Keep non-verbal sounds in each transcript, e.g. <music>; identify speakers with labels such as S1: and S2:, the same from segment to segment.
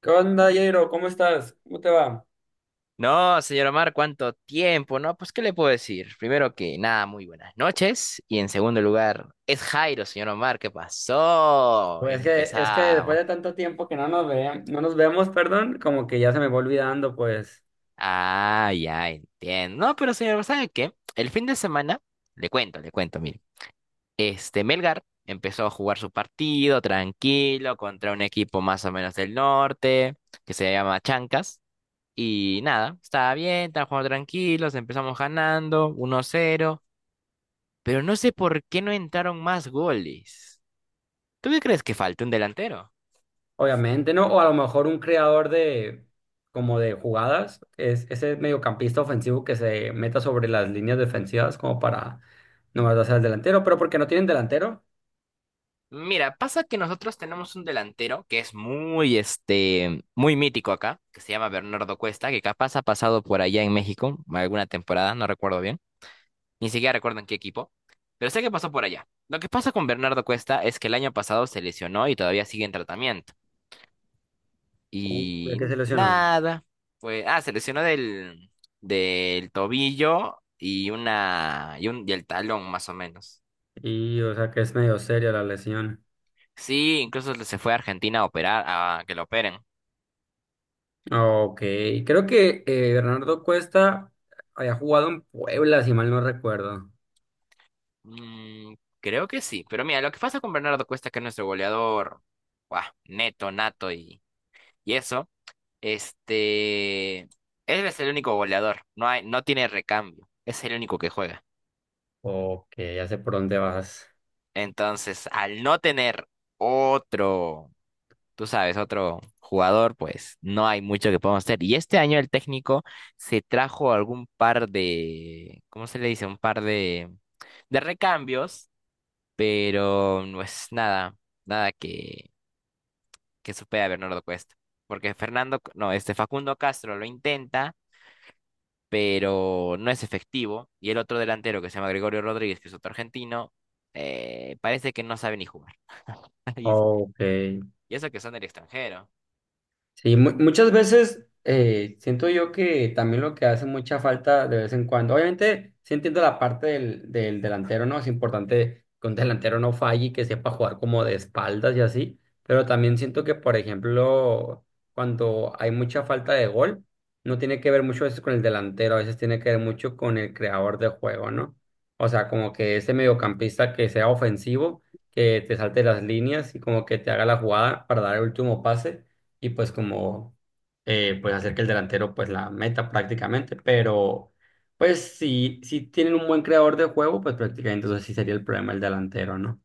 S1: ¿Qué onda, Jairo? ¿Cómo estás? ¿Cómo te va?
S2: No, señor Omar, ¿cuánto tiempo? No, pues, ¿qué le puedo decir? Primero que nada, muy buenas noches. Y en segundo lugar, es Jairo, señor Omar, ¿qué pasó? Y
S1: Pues que, es que después
S2: empezamos.
S1: de tanto tiempo que no nos ve, no nos vemos, perdón, como que ya se me va olvidando, pues,
S2: Ah, ya entiendo. No, pero señor, ¿sabe qué? El fin de semana, le cuento, mire. Melgar empezó a jugar su partido tranquilo contra un equipo más o menos del norte, que se llama Chancas. Y nada, estaba bien, estaba jugando tranquilos, empezamos ganando uno cero, pero no sé por qué no entraron más goles. ¿Tú qué crees? ¿Que falta un delantero?
S1: obviamente, ¿no? O a lo mejor un creador de, como de jugadas, es ese mediocampista ofensivo que se meta sobre las líneas defensivas como para nomás darse al delantero, pero porque no tienen delantero.
S2: Mira, pasa que nosotros tenemos un delantero que es muy, muy mítico acá, que se llama Bernardo Cuesta, que capaz ha pasado por allá en México alguna temporada, no recuerdo bien, ni siquiera recuerdo en qué equipo, pero sé que pasó por allá. Lo que pasa con Bernardo Cuesta es que el año pasado se lesionó y todavía sigue en tratamiento.
S1: Ya
S2: Y
S1: que se lesionó.
S2: nada, pues, ah, se lesionó del tobillo y el talón más o menos.
S1: Y, o sea, que es medio seria la lesión.
S2: Sí, incluso se fue a Argentina a operar, a que lo operen.
S1: Ok, creo que Bernardo Cuesta había jugado en Puebla, si mal no recuerdo.
S2: Mm, creo que sí, pero mira, lo que pasa con Bernardo Cuesta, que es nuestro goleador, buah, neto, nato y eso, él es el único goleador, no hay, no tiene recambio, es el único que juega.
S1: Ok, ya sé por dónde vas.
S2: Entonces, al no tener otro, tú sabes, otro jugador, pues no hay mucho que podamos hacer. Y este año el técnico se trajo algún par de, ¿cómo se le dice? Un par de recambios, pero no es nada, nada que, que supere a Bernardo Cuesta. Porque Fernando, no, este Facundo Castro lo intenta, pero no es efectivo. Y el otro delantero que se llama Gregorio Rodríguez, que es otro argentino, parece que no sabe ni jugar. <laughs> Y
S1: Ok.
S2: y eso que son del extranjero.
S1: Sí, muchas veces siento yo que también lo que hace mucha falta de vez en cuando, obviamente sí entiendo la parte del delantero, ¿no? Es importante que un delantero no falle y que sepa jugar como de espaldas y así, pero también siento que, por ejemplo, cuando hay mucha falta de gol, no tiene que ver mucho a veces con el delantero, a veces tiene que ver mucho con el creador de juego, ¿no? O sea, como que ese mediocampista que sea ofensivo, que te salte las líneas y como que te haga la jugada para dar el último pase y pues como pues hacer que el delantero pues la meta prácticamente, pero pues si tienen un buen creador de juego, pues prácticamente entonces sí sería el problema el delantero, ¿no?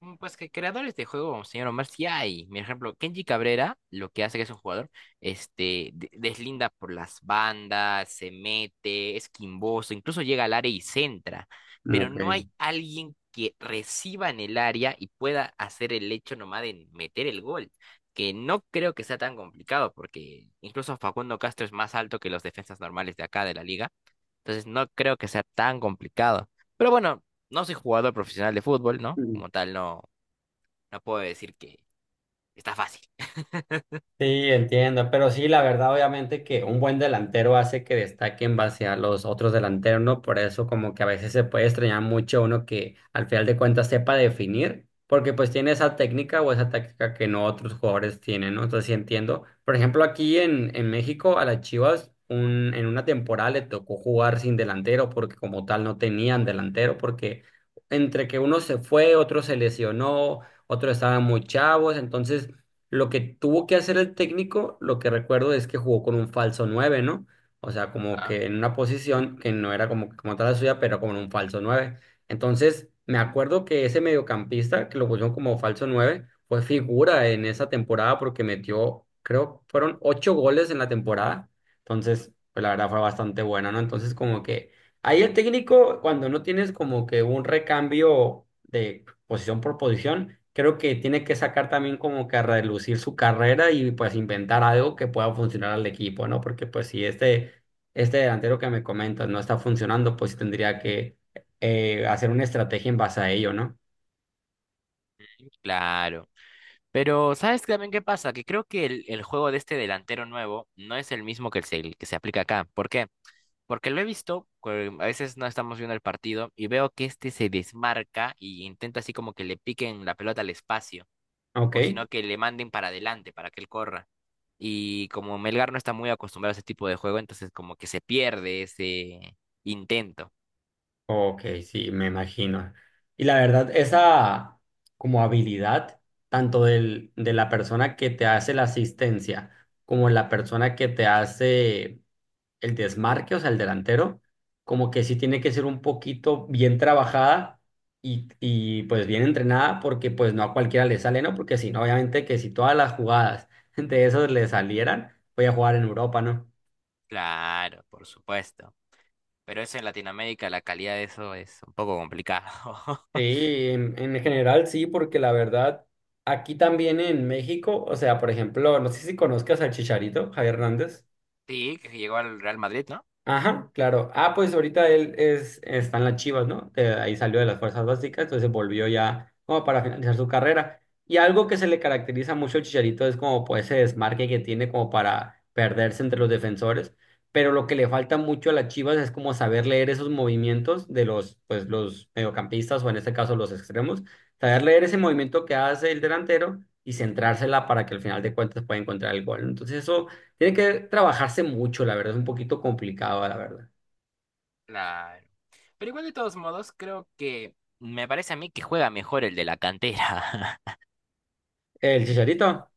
S2: Mm, pues que creadores de juego, señor Omar, sí hay. Por ejemplo, Kenji Cabrera, lo que hace que es un jugador, deslinda por las bandas, se mete, es quimboso, incluso llega al área y centra. Pero
S1: Ok.
S2: no hay alguien que reciba en el área y pueda hacer el hecho nomás de meter el gol. Que no creo que sea tan complicado, porque incluso Facundo Castro es más alto que los defensas normales de acá de la liga. Entonces no creo que sea tan complicado. Pero bueno. No soy jugador profesional de fútbol, ¿no? Como tal, no, no puedo decir que está fácil.
S1: Sí, entiendo, pero sí, la verdad, obviamente que un buen delantero hace que destaque en base a los otros delanteros, ¿no? Por eso como que a veces se puede extrañar mucho uno que al final de cuentas sepa definir, porque pues tiene esa técnica o esa táctica que no otros jugadores tienen, ¿no? Entonces sí entiendo. Por ejemplo, aquí en México a las Chivas un, en una temporada le tocó jugar sin delantero porque como tal no tenían delantero, porque entre que uno se fue, otro se lesionó, otro estaba muy chavos, entonces... Lo que tuvo que hacer el técnico, lo que recuerdo es que jugó con un falso nueve, ¿no? O sea, como
S2: Ajá.
S1: que en una posición que no era como, como tal la suya, pero como en un falso nueve. Entonces, me acuerdo que ese mediocampista, que lo pusieron como falso nueve, fue figura en esa temporada porque metió, creo, fueron 8 goles en la temporada. Entonces, pues la verdad fue bastante buena, ¿no? Entonces, como que ahí el técnico, cuando no tienes como que un recambio de posición por posición, creo que tiene que sacar también como que a relucir su carrera y pues inventar algo que pueda funcionar al equipo, ¿no? Porque pues si este delantero que me comentas no está funcionando, pues sí tendría que hacer una estrategia en base a ello, ¿no?
S2: Claro. Pero ¿sabes también qué pasa? Que creo que el juego de este delantero nuevo no es el mismo que el que se aplica acá. ¿Por qué? Porque lo he visto, que a veces no estamos viendo el partido y veo que este se desmarca y intenta así como que le piquen la pelota al espacio,
S1: Ok,
S2: o sino que le manden para adelante para que él corra. Y como Melgar no está muy acostumbrado a ese tipo de juego, entonces como que se pierde ese intento.
S1: ok, sí, me imagino. Y la verdad, esa como habilidad, tanto del, de la persona que te hace la asistencia como la persona que te hace el desmarque, o sea, el delantero, como que sí tiene que ser un poquito bien trabajada y pues bien entrenada, porque pues no a cualquiera le sale, ¿no? Porque si no, obviamente que si todas las jugadas <laughs> de esos le salieran, voy a jugar en Europa, ¿no?
S2: Claro, por supuesto. Pero eso en Latinoamérica, la calidad de eso es un poco complicado. <laughs>
S1: Sí, en general sí, porque la verdad, aquí también en México, o sea, por ejemplo, no sé si conozcas al Chicharito, Javier Hernández.
S2: Sí, que llegó al Real Madrid, ¿no?
S1: Ajá, claro. Ah, pues ahorita él es, está en las Chivas, ¿no? Que ahí salió de las fuerzas básicas, entonces volvió ya como para finalizar su carrera. Y algo que se le caracteriza mucho al Chicharito es como pues ese desmarque que tiene como para perderse entre los defensores. Pero lo que le falta mucho a las Chivas es como saber leer esos movimientos de los, pues, los mediocampistas o en este caso los extremos, saber leer ese movimiento que hace el delantero y centrársela para que al final de cuentas pueda encontrar el gol, ¿no? Entonces eso tiene que trabajarse mucho, la verdad, es un poquito complicado, la verdad.
S2: La... Pero igual de todos modos, creo que me parece a mí que juega mejor el de la cantera. <laughs>
S1: El chicharito.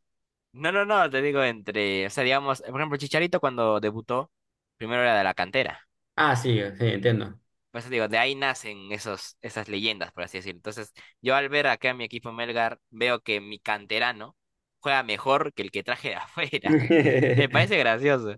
S2: No, no, no, te digo entre, o sea, digamos, por ejemplo, Chicharito cuando debutó, primero era de la cantera.
S1: Ah, sí, sí, entiendo.
S2: Por eso digo, de ahí nacen esos, esas leyendas, por así decirlo. Entonces, yo al ver acá a mi equipo Melgar, veo que mi canterano juega mejor que el que traje de afuera. <laughs> Me
S1: <laughs>
S2: parece gracioso.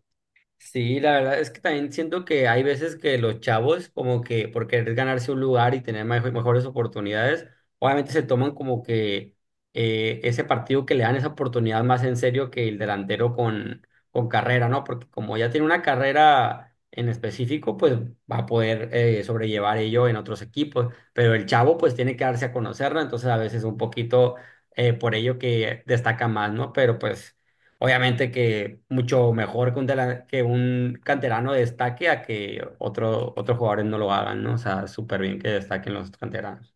S1: Sí, la verdad es que también siento que hay veces que los chavos, como que por querer ganarse un lugar y tener mejores oportunidades, obviamente se toman como que ese partido que le dan esa oportunidad más en serio que el delantero con carrera, ¿no? Porque como ya tiene una carrera en específico, pues va a poder sobrellevar ello en otros equipos, pero el chavo pues tiene que darse a conocerlo, entonces a veces un poquito por ello que destaca más, ¿no? Pero pues... Obviamente que mucho mejor que un, que un canterano destaque a que otro, otros jugadores no lo hagan, ¿no? O sea, súper bien que destaquen los canteranos.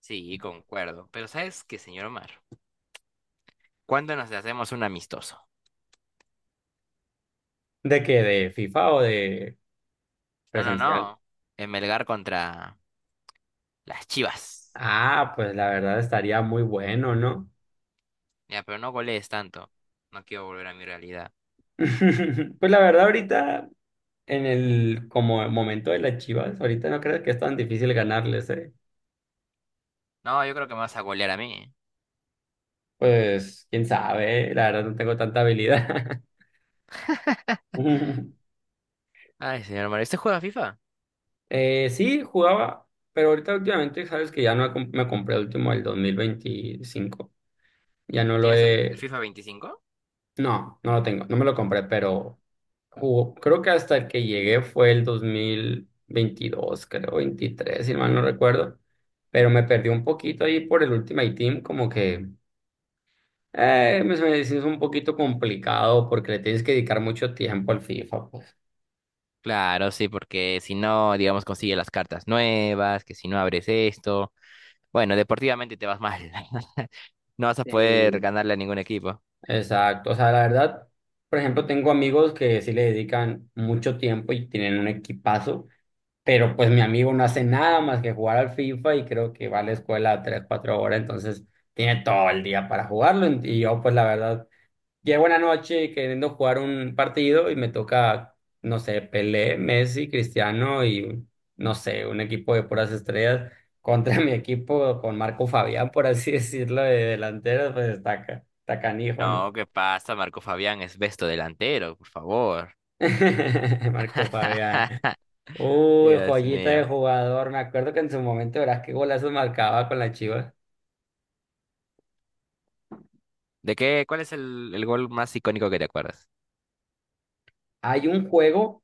S2: Sí, concuerdo. Pero ¿sabes qué, señor Omar? ¿Cuándo nos hacemos un amistoso?
S1: ¿De qué? ¿De FIFA o de
S2: No, no,
S1: presencial?
S2: no. En Melgar contra las Chivas.
S1: Ah, pues la verdad estaría muy bueno, ¿no?
S2: Ya, pero no golees tanto. No quiero volver a mi realidad.
S1: <laughs> Pues la verdad ahorita, en el como momento de las Chivas, ahorita no creo que es tan difícil ganarles, ¿eh?
S2: No, yo creo que me vas a golear a mí.
S1: Pues quién sabe, la verdad no tengo tanta habilidad. <laughs>
S2: Ay, señor Omar, ¿usted juega FIFA?
S1: Sí, jugaba, pero ahorita últimamente sabes que ya no he me compré el último del 25. Ya no lo
S2: ¿Tienes el
S1: he...
S2: FIFA 25?
S1: No, no lo tengo, no me lo compré, pero jugó. Creo que hasta el que llegué fue el 2022, creo, 23, si mal no recuerdo. Pero me perdí un poquito ahí por el Ultimate Team, como que se me hizo un poquito complicado porque le tienes que dedicar mucho tiempo al FIFA, pues.
S2: Claro, sí, porque si no, digamos, consigue las cartas nuevas, que si no abres esto. Bueno, deportivamente te vas mal. <laughs> No vas a poder
S1: Sí.
S2: ganarle a ningún equipo.
S1: Exacto, o sea, la verdad, por ejemplo, tengo amigos que sí le dedican mucho tiempo y tienen un equipazo, pero pues mi amigo no hace nada más que jugar al FIFA y creo que va a la escuela tres, cuatro horas, entonces tiene todo el día para jugarlo y yo pues la verdad, llego una noche queriendo jugar un partido y me toca, no sé, Pelé, Messi, Cristiano y no sé, un equipo de puras estrellas contra <laughs> mi equipo con Marco Fabián, por así decirlo, de delantero, pues está, está canijo, ¿no?
S2: No, ¿qué pasa, Marco Fabián? Es besto delantero, por favor.
S1: <laughs> Marco Fabián. Uy,
S2: Dios
S1: joyita de
S2: mío.
S1: jugador. Me acuerdo que en su momento verás qué golazos marcaba con la Chivas.
S2: ¿De qué? ¿Cuál es el gol más icónico que te acuerdas?
S1: Hay un juego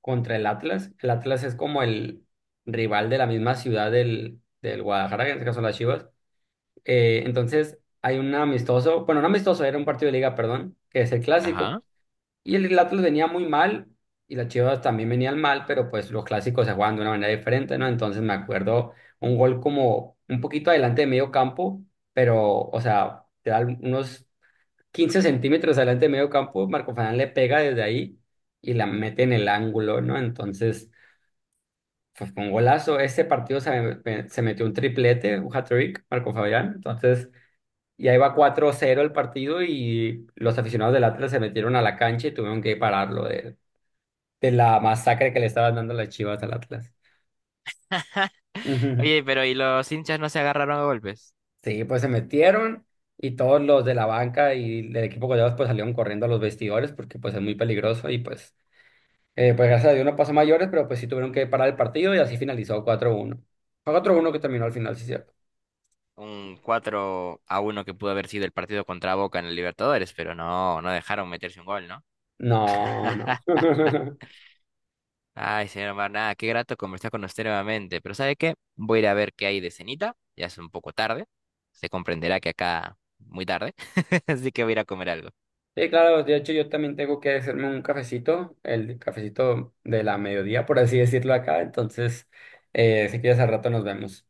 S1: contra el Atlas. El Atlas es como el rival de la misma ciudad del Guadalajara, que en este caso las Chivas. Entonces hay un amistoso, bueno, no amistoso, era un partido de liga, perdón, que es el clásico.
S2: Ajá.
S1: Y el Atlas venía muy mal y las Chivas también venían mal, pero pues los clásicos se juegan de una manera diferente, ¿no? Entonces me acuerdo un gol como un poquito adelante de medio campo, pero, o sea, te da unos 15 centímetros adelante de medio campo, Marco Fernández le pega desde ahí y la mete en el ángulo, ¿no? Entonces pues fue un golazo. Este partido se metió un triplete, un hat-trick, Marco Fabián. Entonces... Y ahí va 4-0 el partido y los aficionados del Atlas se metieron a la cancha y tuvieron que pararlo. De la masacre que le estaban dando las Chivas al Atlas. Ujú.
S2: Oye, pero ¿y los hinchas no se agarraron a golpes?
S1: Sí, pues se metieron y todos los de la banca y del equipo goleados pues salieron corriendo a los vestidores porque pues es muy peligroso y pues, pues gracias a Dios no pasó a mayores, pero pues sí tuvieron que parar el partido y así finalizó 4-1. Fue 4-1 que terminó al final, sí, es cierto.
S2: Un cuatro a uno que pudo haber sido el partido contra Boca en el Libertadores, pero no, no dejaron meterse un gol, ¿no?
S1: No, no.
S2: <laughs>
S1: <laughs>
S2: Ay, señor Marnada, qué grato conversar con usted nuevamente. Pero ¿sabe qué? Voy a ir a ver qué hay de cenita. Ya es un poco tarde. Se comprenderá que acá muy tarde. <laughs> Así que voy a ir a comer algo.
S1: Sí, claro, de hecho yo también tengo que hacerme un cafecito, el cafecito de la mediodía, por así decirlo acá, entonces, si quieres al rato nos vemos.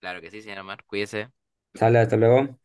S2: Claro que sí, señor Mar. Cuídese.
S1: Sale, hasta luego.